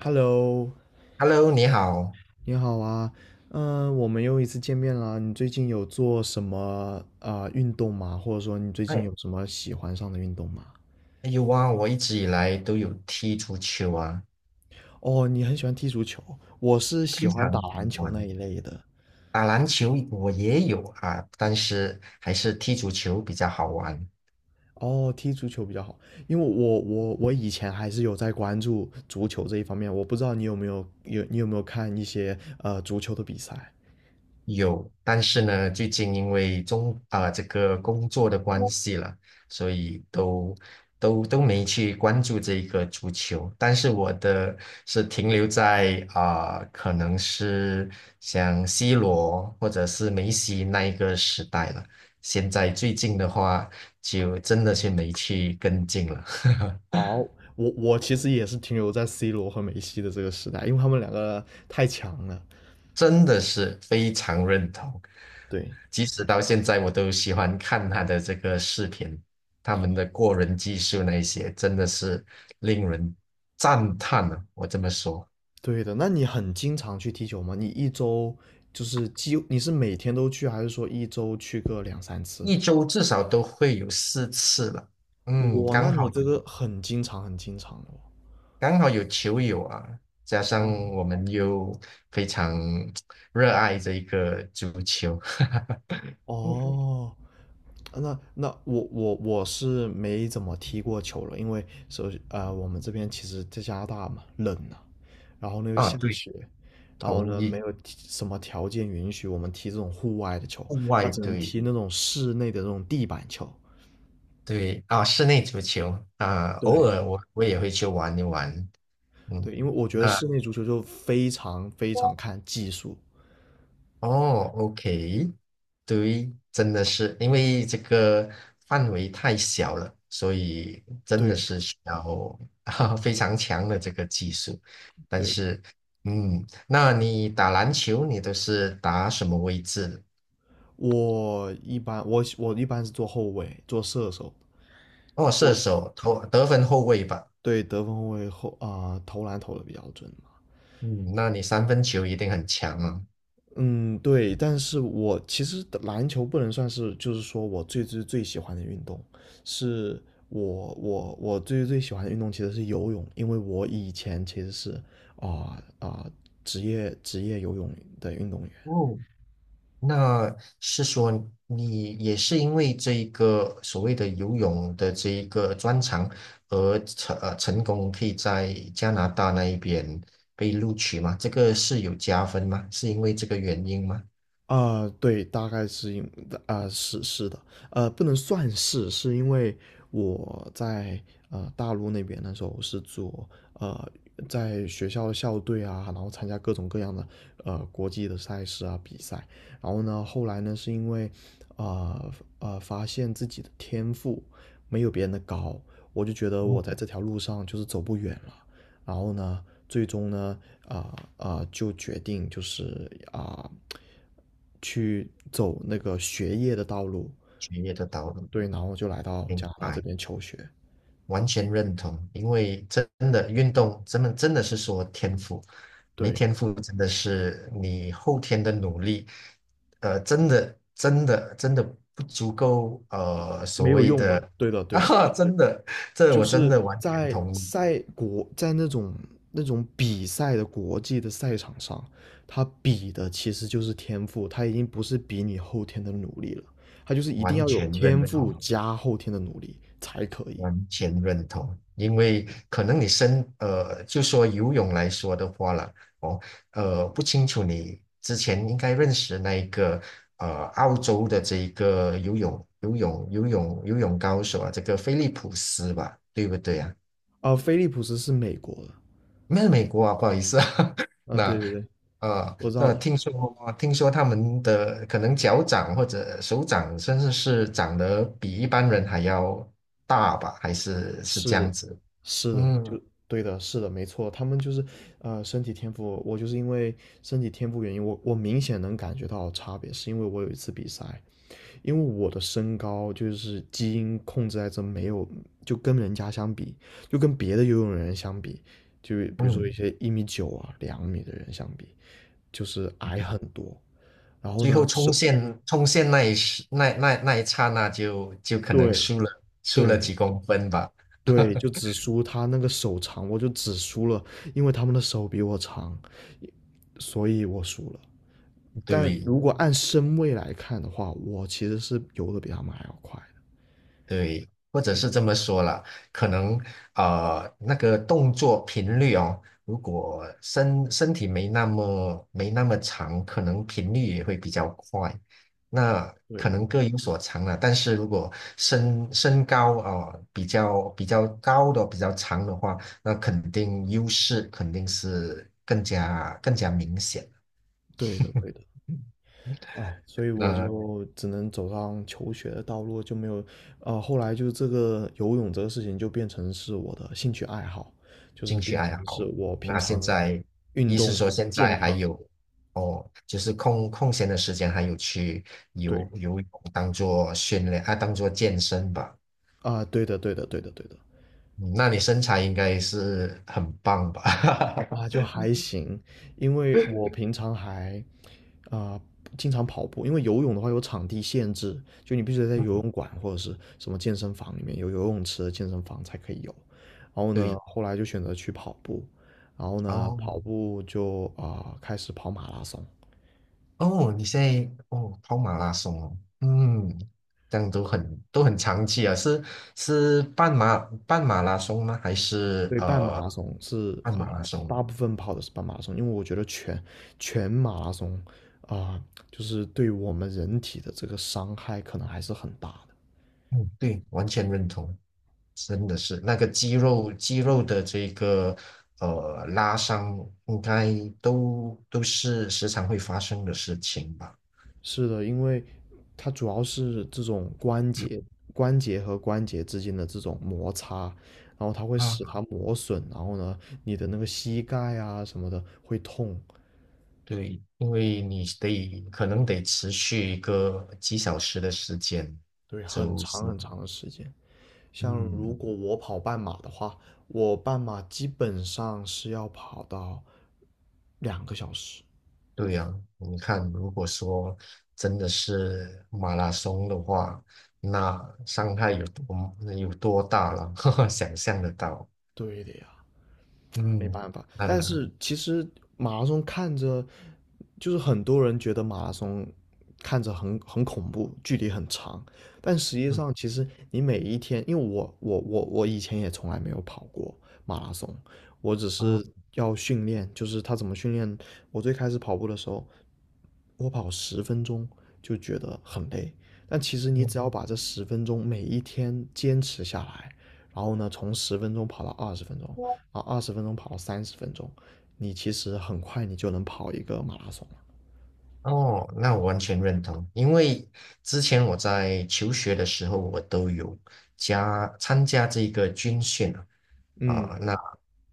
Hello，Hello，你好。你好啊，嗯，我们又一次见面啦。你最近有做什么运动吗？或者说你最近哎，有什么喜欢上的运动吗？哎呦哇，我一直以来都有踢足球啊，哦，你很喜欢踢足球，我是喜非欢打常喜篮球欢。那一类的。打篮球我也有啊，但是还是踢足球比较好玩。哦，踢足球比较好，因为我以前还是有在关注足球这一方面。我不知道你有没有看一些足球的比赛？有，但是呢，最近因为这个工作的关系了，所以都没去关注这一个足球。但是我的是停留在可能是像 C 罗或者是梅西那一个时代了。现在最近的话，就真的是没去跟进了。哦，我其实也是停留在 C 罗和梅西的这个时代，因为他们两个太强了。真的是非常认同。对。即使到现在，我都喜欢看他的这个视频，他们的过人技术那一些，真的是令人赞叹啊！我这么说，对的，那你很经常去踢球吗？你一周就是几，你是每天都去，还是说一周去个两三次？一周至少都会有4次了。嗯，哇，那你这个很经常，很经常了刚好有球友啊，加上哦。我们又非常热爱这一个足球。哦，那我是没怎么踢过球了，因为我们这边其实在加拿大嘛，冷啊，然后呢又啊，下对，雪，然后同呢意，没有踢什么条件允许我们踢这种户外的球，户他外只能对。踢那种室内的这种地板球。对啊，室内足球啊，偶对，尔我也会去玩一玩。嗯，对，因为我觉得那室内足球就非常非常看技术。哦，OK，对，真的是因为这个范围太小了，所以真的对是需要 啊非常强的这个技术。但对的。是，嗯，那你打篮球，你都是打什么位置的我一般是做后卫，做射手。哦，射我手、投得分后卫吧。对得分后卫，投篮投的比较准嘛。嗯，那你三分球一定很强啊。嗯，对，但是我其实篮球不能算是，就是说我最最最喜欢的运动，是我最最喜欢的运动其实是游泳，因为我以前其实是啊啊、职业游泳的运动员。哦那是说你也是因为这一个所谓的游泳的这一个专长而成功可以在加拿大那一边被录取吗？这个是有加分吗？是因为这个原因吗？啊，对，大概是因啊，是的，不能算是，是因为我在大陆那边那时候是呃在学校的校队啊，然后参加各种各样的国际的赛事啊比赛，然后呢，后来呢是因为啊发现自己的天赋没有别人的高，我就觉得我在嗯，这条路上就是走不远了，然后呢，最终呢，就决定就是啊、呃去走那个学业的道路，学业的道路，对，然后就来到加明拿大这白。边求学，完全认同，因为真的运动，真的真的是说天赋，没对，天赋真的是你后天的努力，真的真的真的不足够，所没有谓用的 的，对的，对的，啊，真的，这就我真是的完全在同意，赛国，在那种比赛的国际的赛场上，他比的其实就是天赋，他已经不是比你后天的努力了，他就是一定完要有全天认赋同。加后天的努力才可以。完全认同，因为可能你就说游泳来说的话了，哦，不清楚你之前应该认识那一个澳洲的这一个游泳高手啊，这个菲利普斯吧，对不对啊？而菲利普斯是美国的，没有美国啊，不好意思啊，啊，对那。对对，我知道，那听说他们的可能脚掌或者手掌，甚至是长得比一般人还要大吧，还是这样是，子？是的，嗯，就对的，是的，没错，他们就是，身体天赋，我就是因为身体天赋原因，我明显能感觉到差别，是因为我有一次比赛，因为我的身高就是基因控制在这没有，就跟人家相比，就跟别的游泳人相比，就比如说嗯一些1.9米啊、2米的人相比，就是嗯，矮很多，然后最呢，后冲是，线冲线那一刹那就可能对。输了对，几公分吧，对，就只输他那个手长，我就只输了，因为他们的手比我长，所以我输了。但对，如果按身位来看的话，我其实是游的比他们还要快的。对，或者是这么说了，可能那个动作频率哦，如果身体没那么长，可能频率也会比较快。那可对，能各有所长了，但是如果身高比较高的比较长的话，那肯定优势肯定是更加明显。对的，对的。哎，所以我那就只能走上求学的道路，就没有，后来就这个游泳这个事情就变成是我的兴趣爱好，就是兴趣变爱成是好。我平那现常在，运一是动说现健在还康。有哦，就是空闲的时间还有去对，游泳，当做训练啊，当做健身吧。啊，对的，对的，对的，对的。嗯，那你身材应该是很棒吧？啊，就还行，因为我平常还啊、经常跑步，因为游泳的话有场地限制，就你必须得在游嗯泳馆或者是什么健身房里面有游泳池的健身房才可以游。然后呢，对，后来就选择去跑步，然后呢，哦跑步就开始跑马拉松。哦，你现在哦跑马拉松哦，嗯，这样都很长期啊，是半马拉松吗？还是对，半马拉松是半啊、马拉松？大部分跑的是半马拉松，因为我觉得全马拉松啊、就是对我们人体的这个伤害可能还是很大的。嗯，对，完全认同。真的是那个肌肉的这个拉伤，应该都是时常会发生的事情吧？是的，因为它主要是这种关节、关节和关节之间的这种摩擦，然后它会使它啊，磨损，然后呢，你的那个膝盖啊什么的会痛，对，因为你得可能得持续一个几小时的时间，对，很就长是很长的时间。像如嗯，果我跑半马的话，我半马基本上是要跑到2个小时。对呀、你看，如果说真的是马拉松的话，那伤害有多大了？想象得到，对的呀，没嗯，办法。但呃，是其实马拉松看着，就是很多人觉得马拉松看着很恐怖，距离很长，但实际嗯，上其实你每一天，因为我以前也从来没有跑过马拉松，我只是好。要训练，就是他怎么训练。我最开始跑步的时候，我跑十分钟就觉得很累，但其实你嗯只要把这十分钟每一天坚持下来，然后呢，从十分钟跑到二十分钟，啊，二十分钟跑30分钟，你其实很快你就能跑一个马拉松了。哦，那我完全认同，因为之前我在求学的时候，我都有参加这个军训啊，嗯，那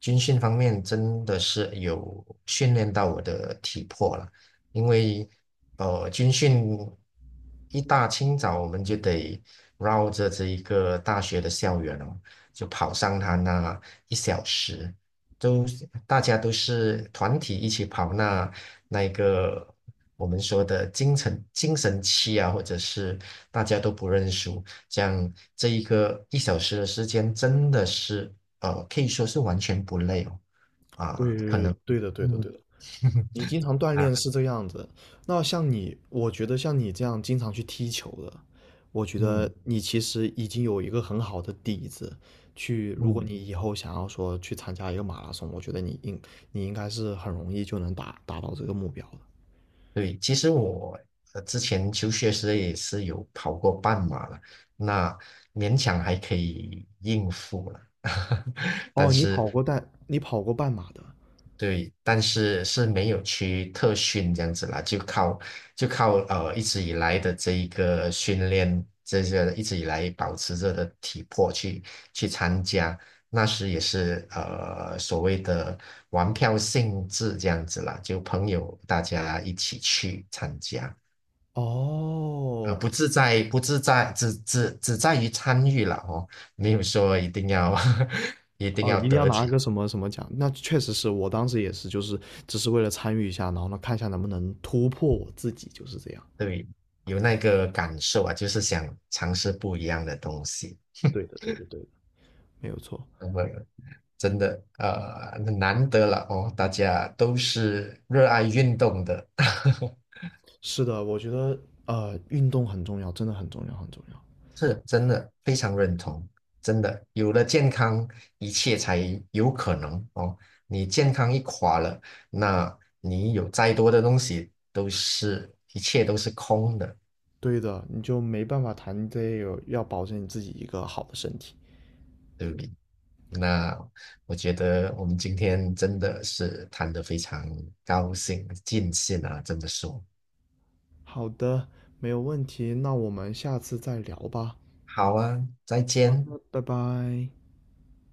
军训方面真的是有训练到我的体魄了，因为军训一大清早我们就得绕着这一个大学的校园哦，就跑上它那一小时，都大家都是团体一起跑那一个我们说的精神期啊，或者是大家都不认输，这样这一个一小时的时间真的是可以说是完全不累哦啊，可对能对的对的嗯 对的，你经常锻啊炼是这个样子。那像你，我觉得像你这样经常去踢球的，我觉得嗯你其实已经有一个很好的底子。如果嗯你以后想要说去参加一个马拉松，我觉得你应该是很容易就能达到这个目标的。对，其实我之前求学时也是有跑过半马了，那勉强还可以应付了。但哦，是你跑过半马的。对，但是是没有去特训这样子啦，就靠一直以来的这一个训练，这些一直以来保持着的体魄去参加，那时也是所谓的玩票性质这样子啦，就朋友大家一起去参加哦，不自在，只在于参与了哦，没有说一定要 一定哦，要一定要得拿奖个什么什么奖？那确实是我当时也是，就是只是为了参与一下，然后呢，看一下能不能突破我自己，就是这样。对，有那个感受啊，就是想尝试不一样的东西。对的，对的，对的，没有错。那么，真的难得了哦，大家都是热爱运动的，是的，我觉得运动很重要，真的很重要，很重要。是真的非常认同。真的，有了健康，一切才有可能哦。你健康一垮了，那你有再多的东西都是一切都是空的。对的，你就没办法谈这个，要保证你自己一个好的身体。那我觉得我们今天真的是谈得非常高兴，尽兴啊，这么说。好的，没有问题。那我们下次再聊吧。好啊，再好见。的，拜拜。